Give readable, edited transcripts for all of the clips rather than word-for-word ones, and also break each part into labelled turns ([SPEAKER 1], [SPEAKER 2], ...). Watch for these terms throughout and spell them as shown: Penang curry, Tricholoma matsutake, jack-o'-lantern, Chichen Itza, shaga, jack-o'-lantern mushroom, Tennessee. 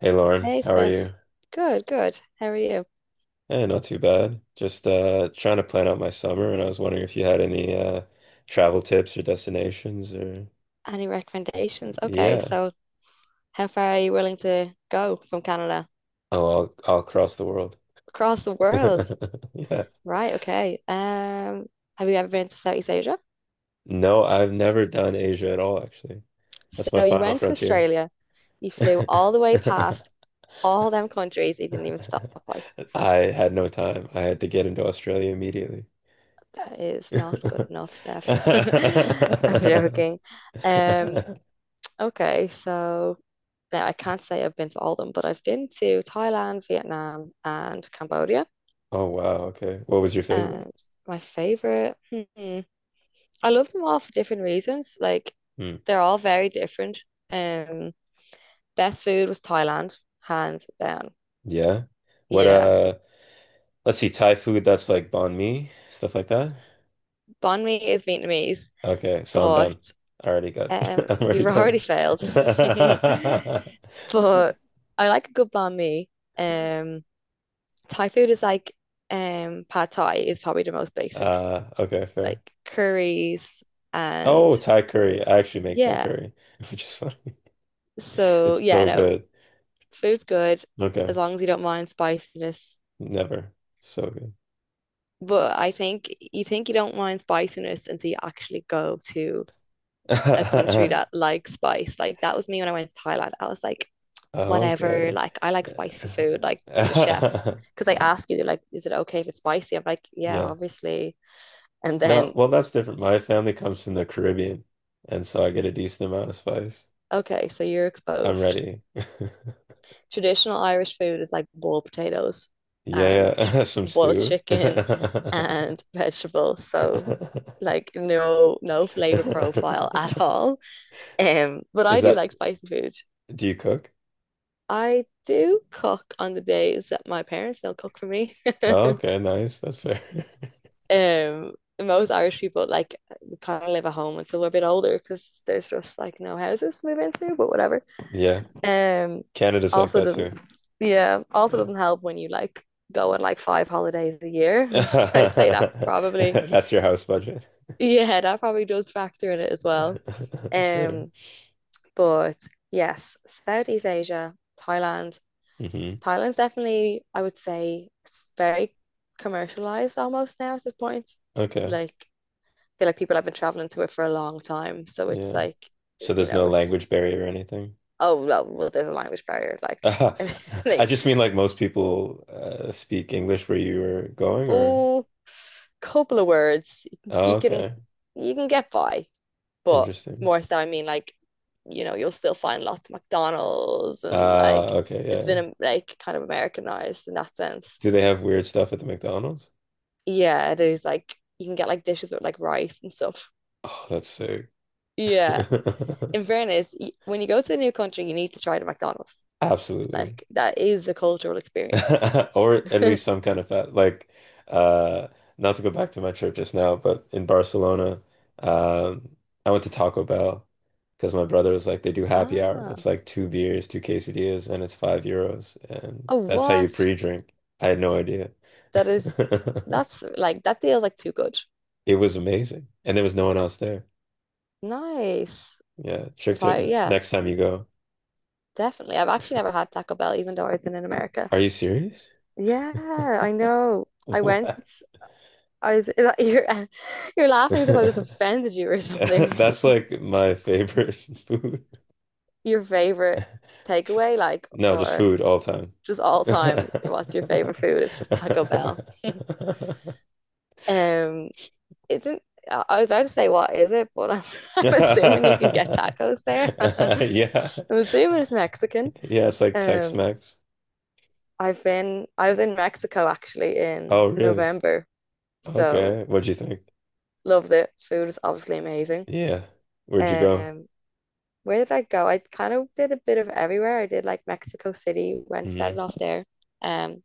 [SPEAKER 1] Hey Lauren,
[SPEAKER 2] Hey
[SPEAKER 1] how are
[SPEAKER 2] Steph.
[SPEAKER 1] you?
[SPEAKER 2] Good, good. How are you?
[SPEAKER 1] Eh, not too bad. Just trying to plan out my summer and I was wondering if you had any travel tips or destinations or
[SPEAKER 2] Any recommendations? Okay,
[SPEAKER 1] yeah.
[SPEAKER 2] so how far are you willing to go from Canada?
[SPEAKER 1] Oh, I'll cross the world.
[SPEAKER 2] Across the world.
[SPEAKER 1] Yeah.
[SPEAKER 2] Right, okay. Have you ever been to Southeast Asia?
[SPEAKER 1] No, I've never done Asia at all actually. That's my
[SPEAKER 2] So you
[SPEAKER 1] final
[SPEAKER 2] went to
[SPEAKER 1] frontier.
[SPEAKER 2] Australia, you flew all the way past all them countries you didn't even stop by.
[SPEAKER 1] I had no time. I had to get into Australia immediately.
[SPEAKER 2] That is not good enough, Steph. I'm joking. Um, okay, so now I can't say I've been to all of them, but I've been to Thailand, Vietnam, and Cambodia.
[SPEAKER 1] Oh wow, okay. What was your favorite?
[SPEAKER 2] And my favorite, I love them all for different reasons. Like
[SPEAKER 1] Hmm.
[SPEAKER 2] they're all very different. Um, Best food was Thailand, hands down.
[SPEAKER 1] Yeah. What
[SPEAKER 2] Yeah,
[SPEAKER 1] let's see, Thai food, that's like banh mi, stuff like that.
[SPEAKER 2] banh mi is Vietnamese,
[SPEAKER 1] Okay, so I'm
[SPEAKER 2] but
[SPEAKER 1] done. I already got I'm already
[SPEAKER 2] you've already
[SPEAKER 1] done.
[SPEAKER 2] failed. But I like a good banh mi. Um, Thai food is like pad Thai is probably the most basic,
[SPEAKER 1] Okay,
[SPEAKER 2] like
[SPEAKER 1] fair.
[SPEAKER 2] curries and
[SPEAKER 1] Oh, Thai curry. I actually make Thai
[SPEAKER 2] yeah.
[SPEAKER 1] curry, which is funny.
[SPEAKER 2] So
[SPEAKER 1] It's
[SPEAKER 2] yeah,
[SPEAKER 1] so
[SPEAKER 2] no.
[SPEAKER 1] good.
[SPEAKER 2] Food's good as
[SPEAKER 1] Okay.
[SPEAKER 2] long as you don't mind spiciness.
[SPEAKER 1] Never. So good.
[SPEAKER 2] But I think you don't mind spiciness until you actually go to a country that likes spice. Like that was me when I went to Thailand. I was like, whatever,
[SPEAKER 1] Okay.
[SPEAKER 2] like I like spicy
[SPEAKER 1] Yeah.
[SPEAKER 2] food, like to the chefs. Because they ask you, they're like, is it okay if it's spicy? I'm like, yeah,
[SPEAKER 1] Yeah.
[SPEAKER 2] obviously. And
[SPEAKER 1] No,
[SPEAKER 2] then,
[SPEAKER 1] well, that's different. My family comes from the Caribbean, and so I get a decent amount of spice.
[SPEAKER 2] okay, so you're
[SPEAKER 1] I'm
[SPEAKER 2] exposed.
[SPEAKER 1] ready.
[SPEAKER 2] Traditional Irish food is like boiled potatoes and
[SPEAKER 1] Yeah, yeah. Some
[SPEAKER 2] boiled
[SPEAKER 1] stew. Is
[SPEAKER 2] chicken and vegetables. So like no flavor profile at all. But I do
[SPEAKER 1] that,
[SPEAKER 2] like spicy food.
[SPEAKER 1] do you cook?
[SPEAKER 2] I do cook on the days that my parents don't cook for me.
[SPEAKER 1] Oh, okay, nice. That's fair.
[SPEAKER 2] Um, Most Irish people like kind of live at home until we're a bit older because there's just like no houses to move into, but whatever.
[SPEAKER 1] Yeah.
[SPEAKER 2] Um,
[SPEAKER 1] Canada's like
[SPEAKER 2] Also
[SPEAKER 1] that too.
[SPEAKER 2] doesn't, yeah, also
[SPEAKER 1] Yeah.
[SPEAKER 2] doesn't help when you like go on like five holidays a year. I'd say that probably,
[SPEAKER 1] That's your house budget.
[SPEAKER 2] yeah, that probably does factor in it as well.
[SPEAKER 1] Fair.
[SPEAKER 2] Um, but yes, Southeast Asia, Thailand.
[SPEAKER 1] Hmm.
[SPEAKER 2] Thailand's definitely, I would say, it's very commercialized almost now at this point.
[SPEAKER 1] Okay.
[SPEAKER 2] Like, I feel like people have been traveling to it for a long time, so it's
[SPEAKER 1] Yeah.
[SPEAKER 2] like,
[SPEAKER 1] So there's no
[SPEAKER 2] it's
[SPEAKER 1] language barrier or anything?
[SPEAKER 2] well there's a language barrier. Like,
[SPEAKER 1] Ah, I
[SPEAKER 2] like
[SPEAKER 1] just mean, like, most people speak English where you were going, or?
[SPEAKER 2] oh, couple of words,
[SPEAKER 1] Oh,
[SPEAKER 2] you can
[SPEAKER 1] okay.
[SPEAKER 2] you can get by, but
[SPEAKER 1] Interesting.
[SPEAKER 2] more so, I mean, like, you know, you'll still find lots of McDonald's and like
[SPEAKER 1] Okay,
[SPEAKER 2] it's
[SPEAKER 1] yeah.
[SPEAKER 2] been
[SPEAKER 1] Yeah.
[SPEAKER 2] like kind of Americanized in that sense.
[SPEAKER 1] Do they have weird stuff at the McDonald's?
[SPEAKER 2] Yeah, it is like you can get like dishes with like rice and stuff.
[SPEAKER 1] Oh, that's sick.
[SPEAKER 2] Yeah. In fairness, when you go to a new country, you need to try the McDonald's.
[SPEAKER 1] Absolutely.
[SPEAKER 2] Like that is a cultural experience.
[SPEAKER 1] Or at least some kind of fat. Like, uh, not to go back to my trip just now, but in Barcelona, um, I went to Taco Bell because my brother was like, they do happy hour.
[SPEAKER 2] Ah,
[SPEAKER 1] It's like two beers, two quesadillas, and it's €5. And
[SPEAKER 2] a
[SPEAKER 1] that's how you
[SPEAKER 2] what?
[SPEAKER 1] pre-drink. I had no idea.
[SPEAKER 2] That is that's like that feels like too good.
[SPEAKER 1] It was amazing. And there was no one else there.
[SPEAKER 2] Nice.
[SPEAKER 1] Yeah. Trick
[SPEAKER 2] If
[SPEAKER 1] tip
[SPEAKER 2] I yeah.
[SPEAKER 1] next time you go.
[SPEAKER 2] Definitely. I've actually never had Taco Bell, even though I've been in America.
[SPEAKER 1] Are you serious?
[SPEAKER 2] Yeah, I know. I
[SPEAKER 1] What?
[SPEAKER 2] went. I was, is that, you're, you're laughing as if I just offended you or something.
[SPEAKER 1] That's like my favorite food.
[SPEAKER 2] Your favorite takeaway, like,
[SPEAKER 1] No, just
[SPEAKER 2] or
[SPEAKER 1] food all time.
[SPEAKER 2] just all time, what's your favorite food? It's just Taco Bell. Um, it's not I was about to say, what is it? But I'm, I'm assuming you can get
[SPEAKER 1] Yeah.
[SPEAKER 2] tacos there. I'm assuming it's Mexican.
[SPEAKER 1] Yeah, it's like
[SPEAKER 2] Um,
[SPEAKER 1] Tex-Mex.
[SPEAKER 2] I've been, I was in Mexico actually in
[SPEAKER 1] Oh, really?
[SPEAKER 2] November. So
[SPEAKER 1] Okay. What'd you think?
[SPEAKER 2] loved it. Food is obviously amazing.
[SPEAKER 1] Yeah. Where'd you go?
[SPEAKER 2] Um, where did I go? I kind of did a bit of everywhere. I did like Mexico City, went started
[SPEAKER 1] Hmm.
[SPEAKER 2] off there. Um,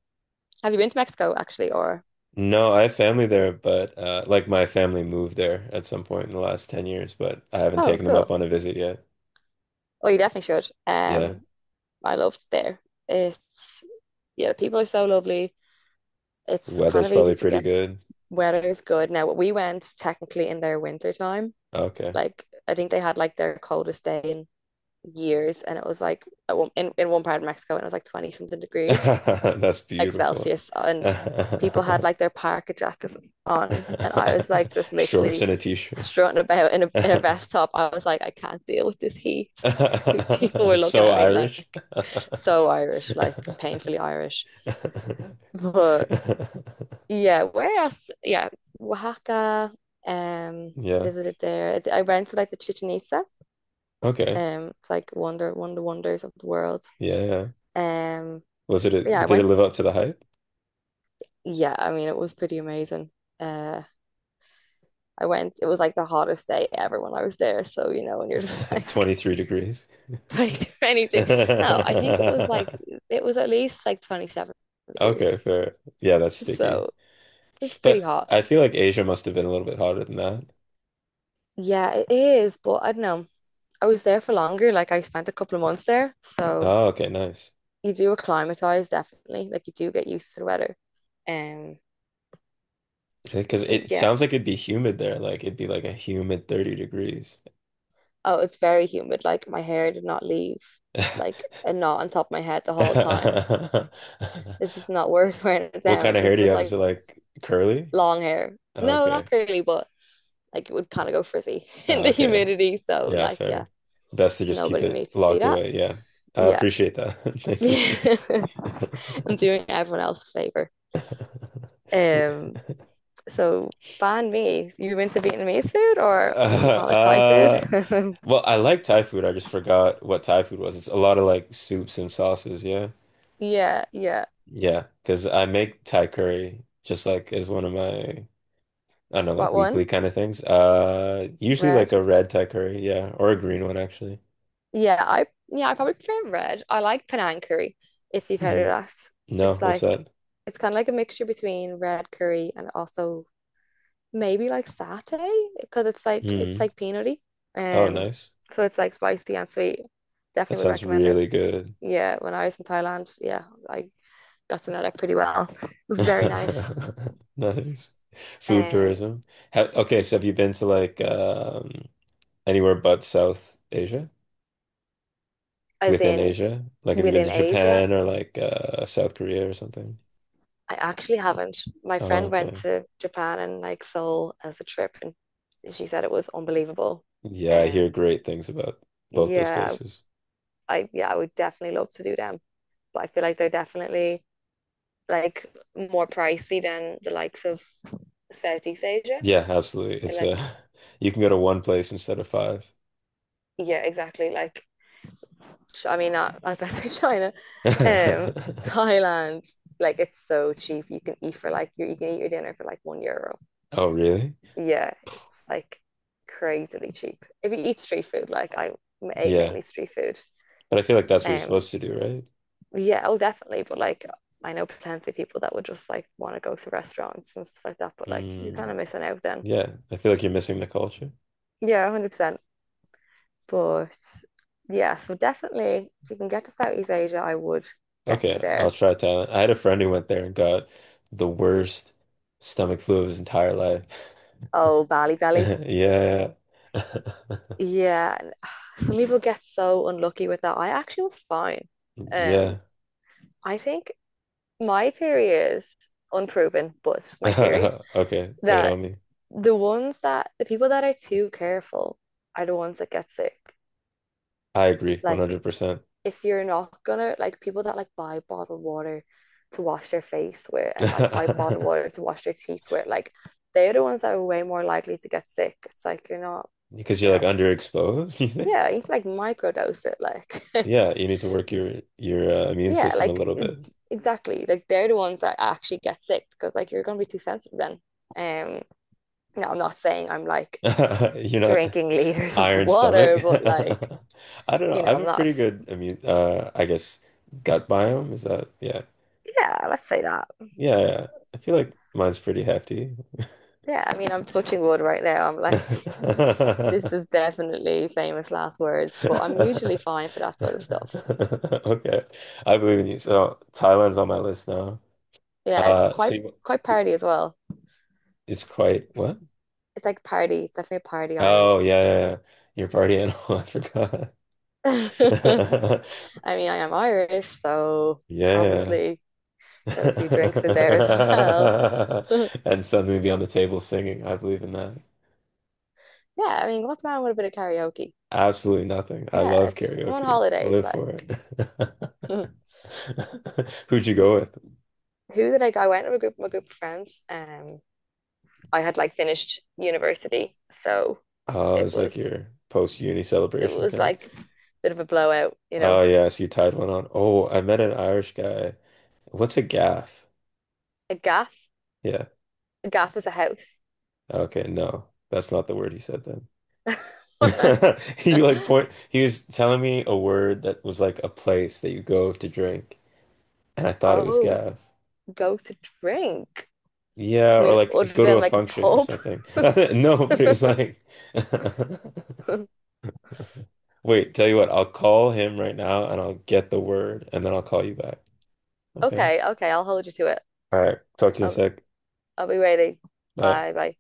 [SPEAKER 2] have you been to Mexico actually, or
[SPEAKER 1] No, I have family there, but like, my family moved there at some point in the last 10 years, but I haven't
[SPEAKER 2] oh,
[SPEAKER 1] taken them up
[SPEAKER 2] cool.
[SPEAKER 1] on a visit yet.
[SPEAKER 2] Oh, you definitely should.
[SPEAKER 1] Yeah.
[SPEAKER 2] I loved there. It's yeah, the people are so lovely. It's kind
[SPEAKER 1] Weather's
[SPEAKER 2] of easy
[SPEAKER 1] probably
[SPEAKER 2] to
[SPEAKER 1] pretty
[SPEAKER 2] get.
[SPEAKER 1] good.
[SPEAKER 2] Weather is good. Now, we went technically in their winter time.
[SPEAKER 1] Okay.
[SPEAKER 2] Like I think they had like their coldest day in years, and it was like at one, in one part of Mexico, and it was like 20 something degrees.
[SPEAKER 1] That's beautiful.
[SPEAKER 2] Excelsius and people had like their parka jackets on and I was like just
[SPEAKER 1] Shorts
[SPEAKER 2] literally
[SPEAKER 1] and a t-shirt.
[SPEAKER 2] strutting about in a vest top. I was like, I can't deal with this heat. People were looking
[SPEAKER 1] So
[SPEAKER 2] at me
[SPEAKER 1] Irish.
[SPEAKER 2] like so Irish, like painfully Irish. But yeah, where else? Yeah, Oaxaca. Um,
[SPEAKER 1] Yeah.
[SPEAKER 2] Visited there. I went to like the Chichen Itza.
[SPEAKER 1] Okay.
[SPEAKER 2] It's like wonder, one of the wonders of the world.
[SPEAKER 1] Yeah, yeah.
[SPEAKER 2] Um,
[SPEAKER 1] Was it a,
[SPEAKER 2] yeah, I
[SPEAKER 1] did it
[SPEAKER 2] went.
[SPEAKER 1] live up to the hype?
[SPEAKER 2] Yeah, I mean, it was pretty amazing. Uh, I went, it was like the hottest day ever when I was there. So, you know, when you're just like
[SPEAKER 1] 23 degrees.
[SPEAKER 2] 22, 23. No, I think it was like, it was at least like 27
[SPEAKER 1] Okay,
[SPEAKER 2] degrees.
[SPEAKER 1] fair. Yeah, that's sticky.
[SPEAKER 2] So it's pretty
[SPEAKER 1] But
[SPEAKER 2] hot.
[SPEAKER 1] I feel like Asia must have been a little bit hotter than that.
[SPEAKER 2] Yeah, it is. But I don't know. I was there for longer. Like I spent a couple of months there. So
[SPEAKER 1] Oh, okay, nice.
[SPEAKER 2] you do acclimatize, definitely. Like you do get used to the weather. Um,
[SPEAKER 1] Because
[SPEAKER 2] so
[SPEAKER 1] it
[SPEAKER 2] yeah.
[SPEAKER 1] sounds like it'd be humid there. Like, it'd be like a humid 30 degrees.
[SPEAKER 2] Oh, it's very humid. Like my hair did not leave like a knot on top of my head the whole time. This is not worth wearing it
[SPEAKER 1] What kind
[SPEAKER 2] down.
[SPEAKER 1] of hair
[SPEAKER 2] Just
[SPEAKER 1] do you
[SPEAKER 2] would
[SPEAKER 1] have? Is
[SPEAKER 2] like
[SPEAKER 1] it like curly?
[SPEAKER 2] long hair.
[SPEAKER 1] Oh,
[SPEAKER 2] No,
[SPEAKER 1] okay.
[SPEAKER 2] not curly, but like it would kind of go frizzy in
[SPEAKER 1] Oh,
[SPEAKER 2] the
[SPEAKER 1] okay.
[SPEAKER 2] humidity. So
[SPEAKER 1] Yeah,
[SPEAKER 2] like, yeah,
[SPEAKER 1] fair. Best to just keep
[SPEAKER 2] nobody
[SPEAKER 1] it
[SPEAKER 2] needs to see
[SPEAKER 1] locked
[SPEAKER 2] that.
[SPEAKER 1] away. Yeah. I
[SPEAKER 2] Yeah.
[SPEAKER 1] appreciate that. Thank
[SPEAKER 2] I'm doing everyone else a favor.
[SPEAKER 1] you.
[SPEAKER 2] Um, so ban me. You into Vietnamese food
[SPEAKER 1] Uh,
[SPEAKER 2] or you call it Thai food?
[SPEAKER 1] uh, well, I like Thai food. I just forgot what Thai food was. It's a lot of like soups and sauces. Yeah.
[SPEAKER 2] Yeah, yeah.
[SPEAKER 1] Yeah. Because I make Thai curry just like as one of my, I don't know, like
[SPEAKER 2] What one?
[SPEAKER 1] weekly kind of things. Usually
[SPEAKER 2] Red.
[SPEAKER 1] like a red Thai curry, yeah, or a green one actually.
[SPEAKER 2] Yeah, I probably prefer red. I like Penang curry, if you've heard of
[SPEAKER 1] Mm.
[SPEAKER 2] that.
[SPEAKER 1] No,
[SPEAKER 2] It's
[SPEAKER 1] what's
[SPEAKER 2] like
[SPEAKER 1] that?
[SPEAKER 2] it's kind of like a mixture between red curry and also maybe like satay because it's
[SPEAKER 1] Mm.
[SPEAKER 2] like peanutty.
[SPEAKER 1] Oh,
[SPEAKER 2] Um,
[SPEAKER 1] nice.
[SPEAKER 2] so it's like spicy and sweet.
[SPEAKER 1] That
[SPEAKER 2] Definitely would
[SPEAKER 1] sounds
[SPEAKER 2] recommend it.
[SPEAKER 1] really good.
[SPEAKER 2] Yeah, when I was in Thailand, yeah, I got to know that pretty well. It was very nice.
[SPEAKER 1] Nice. Food
[SPEAKER 2] Um,
[SPEAKER 1] tourism. Ha, okay, so have you been to like, anywhere but South Asia?
[SPEAKER 2] as
[SPEAKER 1] Within
[SPEAKER 2] in
[SPEAKER 1] Asia? Like, have you been
[SPEAKER 2] within
[SPEAKER 1] to
[SPEAKER 2] Asia,
[SPEAKER 1] Japan or like, South Korea or something?
[SPEAKER 2] I actually haven't. My
[SPEAKER 1] Oh,
[SPEAKER 2] friend went
[SPEAKER 1] okay.
[SPEAKER 2] to Japan and like Seoul as a trip, and she said it was unbelievable.
[SPEAKER 1] Yeah, I hear
[SPEAKER 2] Um,
[SPEAKER 1] great things about both those
[SPEAKER 2] yeah,
[SPEAKER 1] places.
[SPEAKER 2] yeah, I would definitely love to do them. But I feel like they're definitely like more pricey than the likes of Southeast Asia.
[SPEAKER 1] Yeah, absolutely.
[SPEAKER 2] So,
[SPEAKER 1] It's
[SPEAKER 2] like,
[SPEAKER 1] a you can go to one place instead of five.
[SPEAKER 2] yeah, exactly. Like, I mean, not, I was about to say China, um, Thailand. Like, it's so cheap. You can eat for like you can eat your dinner for like €1.
[SPEAKER 1] Oh, really?
[SPEAKER 2] Yeah, it's like crazily cheap. If you eat street food, like I ate
[SPEAKER 1] Yeah.
[SPEAKER 2] mainly street food.
[SPEAKER 1] But I feel like that's what you're
[SPEAKER 2] Um,
[SPEAKER 1] supposed to do, right?
[SPEAKER 2] yeah, oh, definitely. But like, I know plenty of people that would just like want to go to restaurants and stuff like that. But like, you're kind
[SPEAKER 1] Mm,
[SPEAKER 2] of missing out then.
[SPEAKER 1] yeah. I feel like you're missing the culture.
[SPEAKER 2] Yeah, 100%. But yeah, so definitely if you can get to Southeast Asia, I would get to
[SPEAKER 1] Okay, I'll
[SPEAKER 2] there.
[SPEAKER 1] try Thailand. I had a friend who went there and got the worst stomach flu of his entire life.
[SPEAKER 2] Oh, Bali, Bali,
[SPEAKER 1] Yeah.
[SPEAKER 2] yeah, some people get so unlucky with that. I actually was fine. Um,
[SPEAKER 1] Yeah.
[SPEAKER 2] I think my theory is unproven, but it's just my theory
[SPEAKER 1] Okay, lay it
[SPEAKER 2] that
[SPEAKER 1] on me.
[SPEAKER 2] the people that are too careful are the ones that get sick.
[SPEAKER 1] I agree
[SPEAKER 2] Like
[SPEAKER 1] 100%.
[SPEAKER 2] if you're not gonna like people that like buy bottled water to wash their face with and like buy bottled water to wash their teeth with, like they're the ones that are way more likely to get sick. It's like you're not,
[SPEAKER 1] Because
[SPEAKER 2] you
[SPEAKER 1] you're like
[SPEAKER 2] know,
[SPEAKER 1] underexposed, you think?
[SPEAKER 2] yeah, you can like microdose it, like
[SPEAKER 1] Yeah, you need to work your immune
[SPEAKER 2] yeah,
[SPEAKER 1] system a
[SPEAKER 2] like
[SPEAKER 1] little bit.
[SPEAKER 2] exactly. Like they're the ones that actually get sick because like you're gonna be too sensitive then. Um, Now I'm not saying I'm like
[SPEAKER 1] You're not
[SPEAKER 2] drinking liters of the
[SPEAKER 1] iron stomach.
[SPEAKER 2] water, but like,
[SPEAKER 1] I don't know.
[SPEAKER 2] you
[SPEAKER 1] I
[SPEAKER 2] know,
[SPEAKER 1] have
[SPEAKER 2] I'm
[SPEAKER 1] a
[SPEAKER 2] not,
[SPEAKER 1] pretty good immune I guess gut biome, is that, yeah.
[SPEAKER 2] yeah, let's say that.
[SPEAKER 1] Yeah, yeah. I feel like mine's pretty hefty.
[SPEAKER 2] Yeah, I mean, I'm touching wood right now. I'm like, this is definitely famous last words, but I'm usually fine for that sort of stuff.
[SPEAKER 1] Okay. I believe in you. So Thailand's on my list now.
[SPEAKER 2] Yeah, it's
[SPEAKER 1] So you-
[SPEAKER 2] quite party as well.
[SPEAKER 1] it's quite what?
[SPEAKER 2] It's like party, it's definitely a party Ireland.
[SPEAKER 1] Oh yeah, yeah, yeah. Your party animal, I forgot.
[SPEAKER 2] I mean, I am Irish, so
[SPEAKER 1] Yeah.
[SPEAKER 2] obviously
[SPEAKER 1] Yeah.
[SPEAKER 2] there are a few drinks in there as well.
[SPEAKER 1] And suddenly be on the table singing. I believe in that.
[SPEAKER 2] Yeah, I mean, what's wrong with a bit of karaoke?
[SPEAKER 1] Absolutely nothing. I
[SPEAKER 2] Yeah,
[SPEAKER 1] love
[SPEAKER 2] it's I'm on
[SPEAKER 1] karaoke. I
[SPEAKER 2] holidays,
[SPEAKER 1] live for
[SPEAKER 2] like.
[SPEAKER 1] it.
[SPEAKER 2] Who
[SPEAKER 1] Who'd you go with?
[SPEAKER 2] did I go? I went with a group, my group of friends. I had like finished university, so it
[SPEAKER 1] It's like
[SPEAKER 2] was
[SPEAKER 1] your post-uni celebration kind of.
[SPEAKER 2] like a bit of a blowout, you
[SPEAKER 1] Oh
[SPEAKER 2] know,
[SPEAKER 1] yeah, so you tied one on. Oh, I met an Irish guy. What's a gaff?
[SPEAKER 2] a gaff.
[SPEAKER 1] Yeah.
[SPEAKER 2] A gaff is a house.
[SPEAKER 1] Okay, no. That's not the word he said then. He like point he was telling me a word that was like a place that you go to drink, and I thought it was
[SPEAKER 2] Oh,
[SPEAKER 1] gaff.
[SPEAKER 2] go to drink.
[SPEAKER 1] Yeah,
[SPEAKER 2] I
[SPEAKER 1] or
[SPEAKER 2] mean,
[SPEAKER 1] like
[SPEAKER 2] other
[SPEAKER 1] go to
[SPEAKER 2] than
[SPEAKER 1] a
[SPEAKER 2] like a
[SPEAKER 1] function or
[SPEAKER 2] pub.
[SPEAKER 1] something. No, but it was like, wait, tell you what, I'll call him right now and I'll get the word and then I'll call you back. Okay.
[SPEAKER 2] Okay, okay, I'll hold you to it.
[SPEAKER 1] All right. Talk to you in a
[SPEAKER 2] I'll,
[SPEAKER 1] sec.
[SPEAKER 2] I'll be waiting.
[SPEAKER 1] Bye.
[SPEAKER 2] Bye, bye.